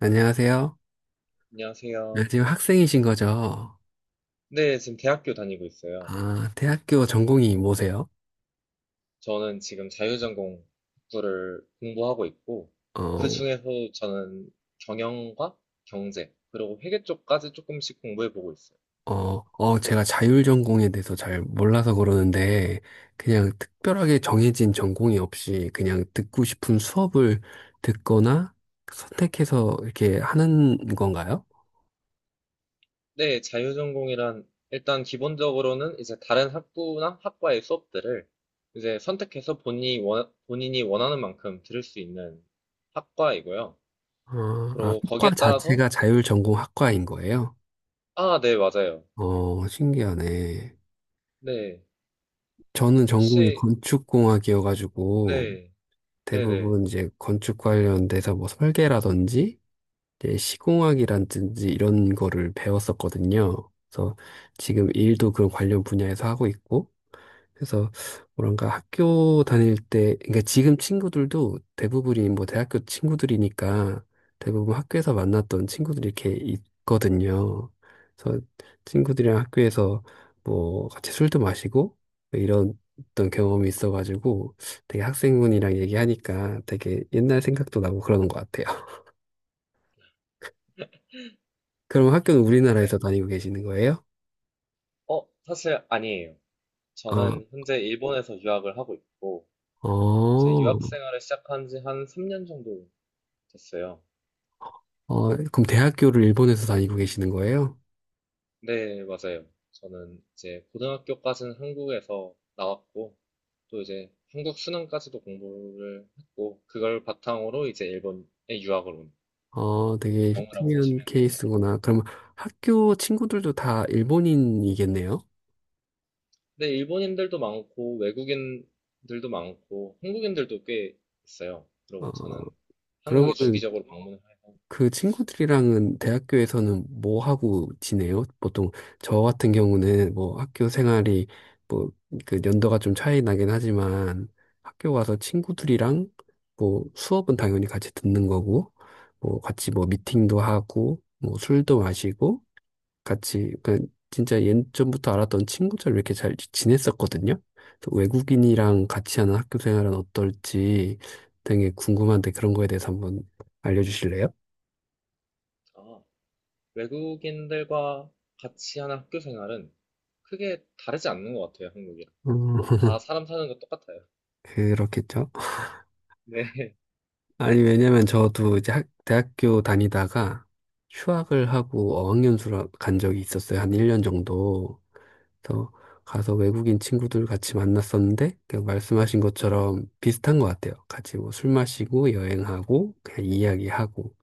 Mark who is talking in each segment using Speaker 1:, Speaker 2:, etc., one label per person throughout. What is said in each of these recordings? Speaker 1: 안녕하세요. 네,
Speaker 2: 안녕하세요.
Speaker 1: 지금 학생이신 거죠?
Speaker 2: 네, 지금 대학교 다니고 있어요.
Speaker 1: 아, 대학교 전공이 뭐세요?
Speaker 2: 저는 지금 자유전공 학부를 공부하고 있고, 그
Speaker 1: 어,
Speaker 2: 중에서 저는 경영과 경제, 그리고 회계 쪽까지 조금씩 공부해보고 있어요.
Speaker 1: 제가 자율 전공에 대해서 잘 몰라서 그러는데, 그냥 특별하게 정해진 전공이 없이 그냥 듣고 싶은 수업을 듣거나 선택해서 이렇게 하는 건가요?
Speaker 2: 네, 자유전공이란 일단 기본적으로는 이제 다른 학부나 학과의 수업들을 이제 선택해서 본인이 원하는 만큼 들을 수 있는 학과이고요.
Speaker 1: 어, 아,
Speaker 2: 그리고
Speaker 1: 학과
Speaker 2: 거기에 따라서,
Speaker 1: 자체가 자율 전공 학과인 거예요?
Speaker 2: 아, 네, 맞아요.
Speaker 1: 어, 신기하네.
Speaker 2: 네.
Speaker 1: 저는 전공이
Speaker 2: 혹시,
Speaker 1: 건축공학이어가지고,
Speaker 2: 네, 네네.
Speaker 1: 대부분 이제 건축 관련돼서 뭐 설계라든지 이제 시공학이라든지 이런 거를 배웠었거든요. 그래서 지금 일도 그런 관련 분야에서 하고 있고, 그래서 뭐랄까 학교 다닐 때, 그러니까 지금 친구들도 대부분이 뭐 대학교 친구들이니까 대부분 학교에서 만났던 친구들이 이렇게 있거든요. 그래서 친구들이랑 학교에서 뭐 같이 술도 마시고 이런 어떤 경험이 있어가지고 되게 학생분이랑 얘기하니까 되게 옛날 생각도 나고 그러는 것 같아요. 그럼 학교는 우리나라에서 다니고 계시는 거예요?
Speaker 2: 어, 사실 아니에요.
Speaker 1: 어,
Speaker 2: 저는 현재 일본에서 유학을 하고 있고, 제
Speaker 1: 어,
Speaker 2: 유학 생활을 시작한 지 한 3년 정도 됐어요.
Speaker 1: 어, 그럼 대학교를 일본에서 다니고 계시는 거예요?
Speaker 2: 네, 맞아요. 저는 이제 고등학교까지는 한국에서 나왔고, 또 이제 한국 수능까지도 공부를 했고, 그걸 바탕으로 이제 일본에 유학을 온
Speaker 1: 어, 되게
Speaker 2: 경우라고
Speaker 1: 특이한
Speaker 2: 보시면 됩니다.
Speaker 1: 케이스구나. 그럼 학교 친구들도 다 일본인이겠네요?
Speaker 2: 근데 일본인들도 많고, 외국인들도 많고, 한국인들도 꽤 있어요.
Speaker 1: 어,
Speaker 2: 그리고 저는
Speaker 1: 그러면
Speaker 2: 한국에 주기적으로 방문을
Speaker 1: 그 친구들이랑은 대학교에서는 뭐 하고 지내요? 보통 저 같은 경우는 뭐 학교 생활이 뭐 그 연도가 좀 차이 나긴 하지만 학교 가서 친구들이랑 뭐 수업은 당연히 같이 듣는 거고 뭐 같이 뭐 미팅도 하고 뭐 술도 마시고 같이 그 진짜 예전부터 알았던 친구처럼 이렇게 잘 지냈었거든요. 그래서 외국인이랑 같이 하는 학교 생활은 어떨지 되게 궁금한데 그런 거에 대해서 한번 알려주실래요?
Speaker 2: 하니까 외국인들과 같이 하는 학교 생활은 크게 다르지 않는 것 같아요, 한국이랑.
Speaker 1: 음,
Speaker 2: 다 사람 사는 거 똑같아요.
Speaker 1: 그렇겠죠.
Speaker 2: 네.
Speaker 1: 아니 왜냐면 저도 이제 대학교 다니다가 휴학을 하고 어학연수를 간 적이 있었어요. 한 1년 정도. 그래서 가서 외국인 친구들 같이 만났었는데 그냥 말씀하신 것처럼 비슷한 것 같아요. 같이 뭐 술 마시고 여행하고 그냥 이야기하고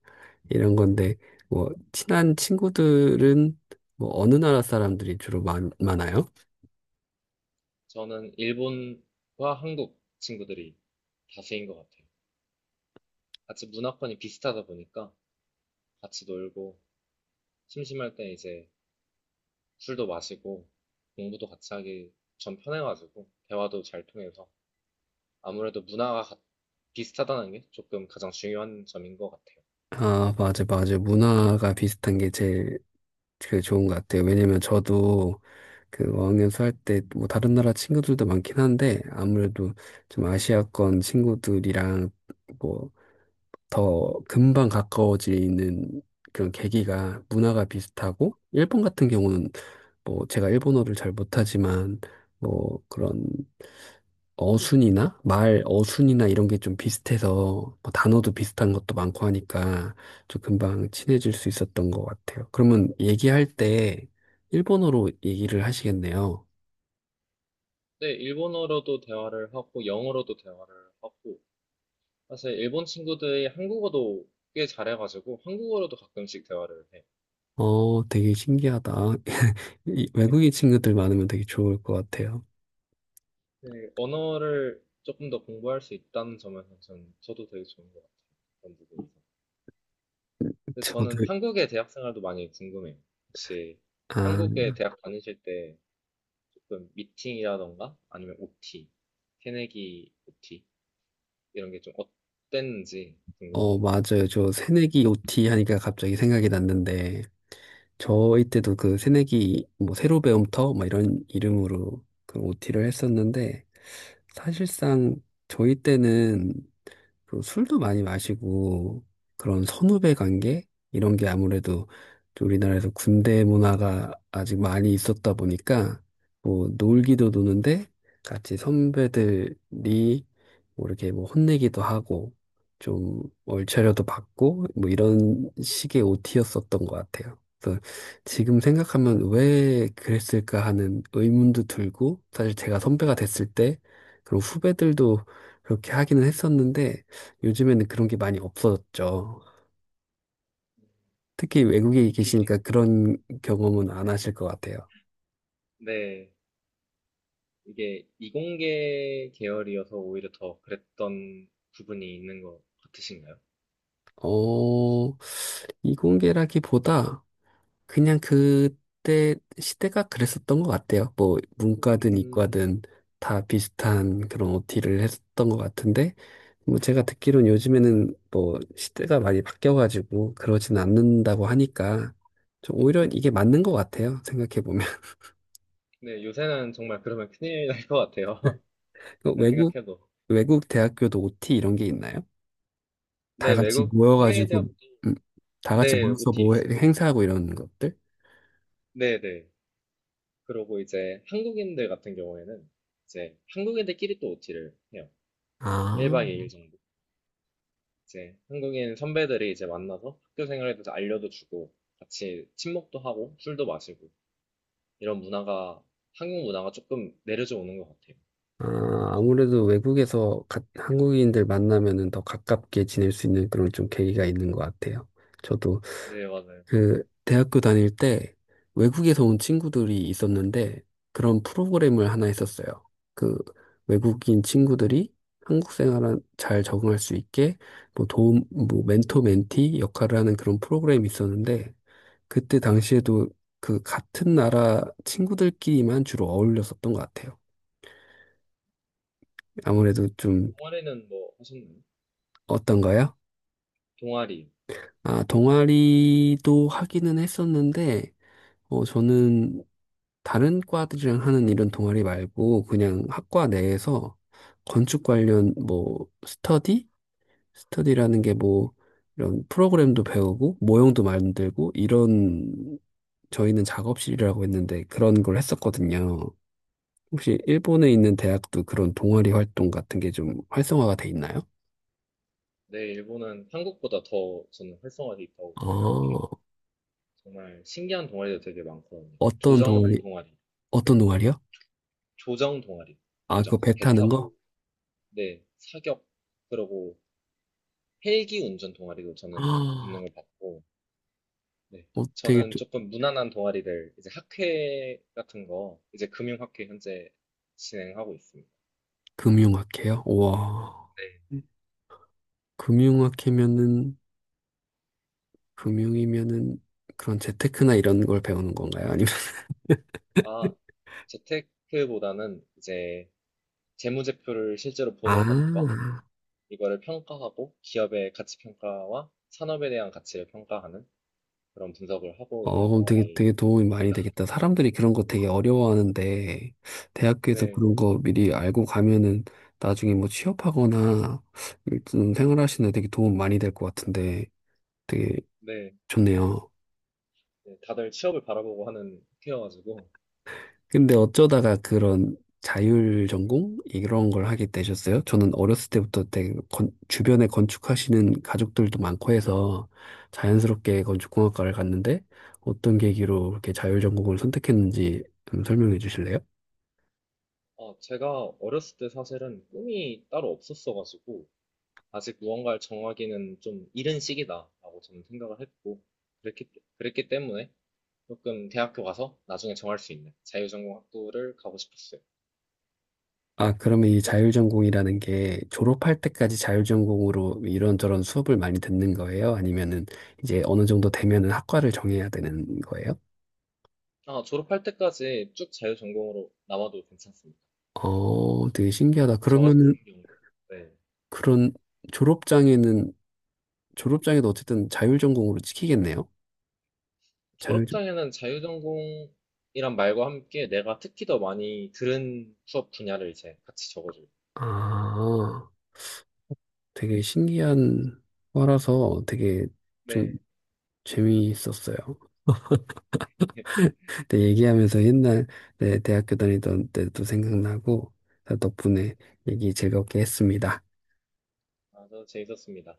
Speaker 1: 이런 건데, 뭐, 친한 친구들은 뭐 어느 나라 사람들이 주로 많아요?
Speaker 2: 저는 일본과 한국 친구들이 다수인 것 같아요. 같이 문화권이 비슷하다 보니까 같이 놀고, 심심할 때 이제 술도 마시고, 공부도 같이 하기 전 편해가지고, 대화도 잘 통해서. 아무래도 문화가 비슷하다는 게 조금 가장 중요한 점인 것 같아요.
Speaker 1: 아, 맞아, 맞아. 문화가 비슷한 게 제일 그 좋은 것 같아요. 왜냐면 저도 그 어학연수 할 때 뭐 다른 나라 친구들도 많긴 한데, 아무래도 좀 아시아권 친구들이랑 뭐 더 금방 가까워지는 그런 계기가 문화가 비슷하고, 일본 같은 경우는 뭐 제가 일본어를 잘 못하지만, 뭐 그런 어순이나 말 어순이나 이런 게 좀 비슷해서 뭐 단어도 비슷한 것도 많고 하니까 좀 금방 친해질 수 있었던 것 같아요. 그러면 얘기할 때 일본어로 얘기를 하시겠네요.
Speaker 2: 네, 일본어로도 대화를 하고, 영어로도 대화를 하고, 사실 일본 친구들이 한국어도 꽤 잘해가지고 한국어로도 가끔씩 대화를 해.
Speaker 1: 어, 되게 신기하다. 이
Speaker 2: 네,
Speaker 1: 외국인 친구들 많으면 되게 좋을 것 같아요.
Speaker 2: 네, 언어를 조금 더 공부할 수 있다는 점에서 전 저도 되게 좋은 것 같아요. 그런 부분에서. 근데 저는
Speaker 1: 저도,
Speaker 2: 한국의 대학 생활도 많이 궁금해요. 혹시
Speaker 1: 아,
Speaker 2: 한국의 대학 다니실 때 조금 미팅이라던가 아니면 OT, 새내기 OT 이런 게 좀 어땠는지 궁금한
Speaker 1: 어,
Speaker 2: 것 같아요.
Speaker 1: 맞아요. 저 새내기 OT 하니까 갑자기 생각이 났는데, 저희 때도 그 새내기 뭐 새로 배움터 막 이런 이름으로 그 OT를 했었는데 사실상 저희 때는 그 술도 많이 마시고 그런 선후배 관계 이런 게 아무래도 좀 우리나라에서 군대 문화가 아직 많이 있었다 보니까 뭐 놀기도 노는데 같이 선배들이 뭐 이렇게 뭐 혼내기도 하고 좀 얼차려도 받고 뭐 이런 식의 OT였었던 것 같아요. 그래서 지금 생각하면 왜 그랬을까 하는 의문도 들고 사실 제가 선배가 됐을 때 그런 후배들도 그렇게 하기는 했었는데 요즘에는 그런 게 많이 없어졌죠. 특히 외국에 계시니까 그런 경험은 안 하실 것 같아요.
Speaker 2: 네. 이게 이공계 계열이어서 오히려 더 그랬던 부분이 있는 것 같으신가요?
Speaker 1: 어, 이공계라기보다 그냥 그때 시대가 그랬었던 것 같아요. 뭐, 문과든
Speaker 2: 음,
Speaker 1: 이과든 다 비슷한 그런 OT를 했었던 것 같은데, 뭐, 제가 듣기로는 요즘에는 뭐, 시대가 많이 바뀌어가지고 그러진 않는다고 하니까, 좀 오히려 이게 맞는 것 같아요. 생각해보면.
Speaker 2: 네, 요새는 정말 그러면 큰일 날 것 같아요. 제가
Speaker 1: 외국,
Speaker 2: 생각해도.
Speaker 1: 외국 대학교도 OT 이런 게 있나요? 다
Speaker 2: 네,
Speaker 1: 같이
Speaker 2: 외국 해외 대학,
Speaker 1: 모여가지고, 음, 다 같이
Speaker 2: 네,
Speaker 1: 모여서
Speaker 2: OT
Speaker 1: 뭐
Speaker 2: 있어요.
Speaker 1: 행사하고 이런 것들?
Speaker 2: 네, 네. 그러고 이제 한국인들 같은 경우에는 이제 한국인들끼리 또 OT를 해요.
Speaker 1: 아,
Speaker 2: 1박 2일 정도. 이제 한국인 선배들이 이제 만나서 학교 생활에 대해서 알려도 주고 같이 친목도 하고 술도 마시고 이런 문화가 한국 문화가 조금 내려져 오는 것 같아요.
Speaker 1: 아, 아무래도 외국에서 한국인들 만나면은 더 가깝게 지낼 수 있는 그런 좀 계기가 있는 것 같아요. 저도
Speaker 2: 네, 맞아요.
Speaker 1: 그 대학교 다닐 때 외국에서 온 친구들이 있었는데 그런 프로그램을 하나 했었어요. 그 외국인 친구들이 한국 생활에 잘 적응할 수 있게 뭐 도움, 뭐 멘토 멘티 역할을 하는 그런 프로그램이 있었는데 그때 당시에도 그 같은 나라 친구들끼리만 주로 어울렸었던 것 같아요. 아무래도 좀
Speaker 2: 동아리는 뭐 하셨나요?
Speaker 1: 어떤가요?
Speaker 2: 동아리.
Speaker 1: 아, 동아리도 하기는 했었는데, 어, 저는 다른 과들이랑 하는 이런 동아리 말고 그냥 학과 내에서 건축 관련 뭐 스터디? 스터디라는 게 뭐 이런 프로그램도 배우고 모형도 만들고 이런 저희는 작업실이라고 했는데 그런 걸 했었거든요. 혹시 일본에 있는 대학도 그런 동아리 활동 같은 게 좀 활성화가 돼 있나요?
Speaker 2: 네, 일본은 한국보다 더 저는 활성화돼 있다고 생각해요.
Speaker 1: 어,
Speaker 2: 정말 신기한 동아리도 되게 많거든요.
Speaker 1: 어떤
Speaker 2: 조정
Speaker 1: 동아리,
Speaker 2: 동아리,
Speaker 1: 어떤 동아리요?
Speaker 2: 조정 동아리,
Speaker 1: 아, 그거
Speaker 2: 조정,
Speaker 1: 배
Speaker 2: 배
Speaker 1: 타는 거?
Speaker 2: 타고, 네, 사격, 그러고 헬기 운전 동아리도 저는 있는
Speaker 1: 아,
Speaker 2: 걸 봤고, 네,
Speaker 1: 어, 되게
Speaker 2: 저는
Speaker 1: 또-
Speaker 2: 조금 무난한 동아리를 이제 학회 같은 거, 이제 금융학회 현재 진행하고 있습니다.
Speaker 1: 금융학회요? 우와.
Speaker 2: 네.
Speaker 1: 금융학회면은, 금융이면은 그런 재테크나 이런 걸 배우는 건가요? 아니면,
Speaker 2: 아, 재테크보다는 이제 재무제표를 실제로 보는 법과
Speaker 1: 아,
Speaker 2: 이거를 평가하고 기업의 가치 평가와 산업에 대한 가치를 평가하는 그런 분석을 하고
Speaker 1: 어,
Speaker 2: 있는
Speaker 1: 그럼
Speaker 2: 동아리입니다.
Speaker 1: 되게 도움이 많이 되겠다. 사람들이 그런 거 되게 어려워하는데, 대학교에서
Speaker 2: 네,
Speaker 1: 그런 거 미리 알고 가면은 나중에 뭐 취업하거나 좀 생활하시는 데 되게 도움 많이 될 것 같은데, 되게
Speaker 2: 네,
Speaker 1: 좋네요.
Speaker 2: 네, 다들 취업을 바라보고 하는 학회여가지고
Speaker 1: 근데 어쩌다가 그런 자율 전공? 이런 걸 하게 되셨어요? 저는 어렸을 때부터 되게 주변에 건축하시는 가족들도 많고 해서 자연스럽게 건축공학과를 갔는데 어떤 계기로 이렇게 자율 전공을 선택했는지 좀 설명해 주실래요?
Speaker 2: 아, 제가 어렸을 때 사실은 꿈이 따로 없었어가지고 아직 무언가를 정하기는 좀 이른 시기다라고 저는 생각을 했고 그랬기, 그랬기 때문에 조금 대학교 가서 나중에 정할 수 있는 자유전공학부를 가고 싶었어요.
Speaker 1: 아, 그러면 이 자율전공이라는 게 졸업할 때까지 자율전공으로 이런저런 수업을 많이 듣는 거예요? 아니면은 이제 어느 정도 되면은 학과를 정해야 되는 거예요?
Speaker 2: 아, 졸업할 때까지 쭉 자유전공으로 남아도 괜찮습니다.
Speaker 1: 어, 되게 신기하다.
Speaker 2: 저 같은
Speaker 1: 그러면은
Speaker 2: 경우에 네.
Speaker 1: 그런 졸업장에는, 졸업장에도 어쨌든 자율전공으로 찍히겠네요? 자율전,
Speaker 2: 졸업장에는 자유전공이란 말과 함께 내가 특히 더 많이 들은 수업 분야를 이제 같이 적어줘요.
Speaker 1: 아, 되게 신기한 거라서 되게 좀
Speaker 2: 네.
Speaker 1: 재미있었어요. 근데 얘기하면서 옛날 네, 대학교 다니던 때도 생각나고 덕분에 얘기 즐겁게 했습니다.
Speaker 2: 아주 재밌었습니다.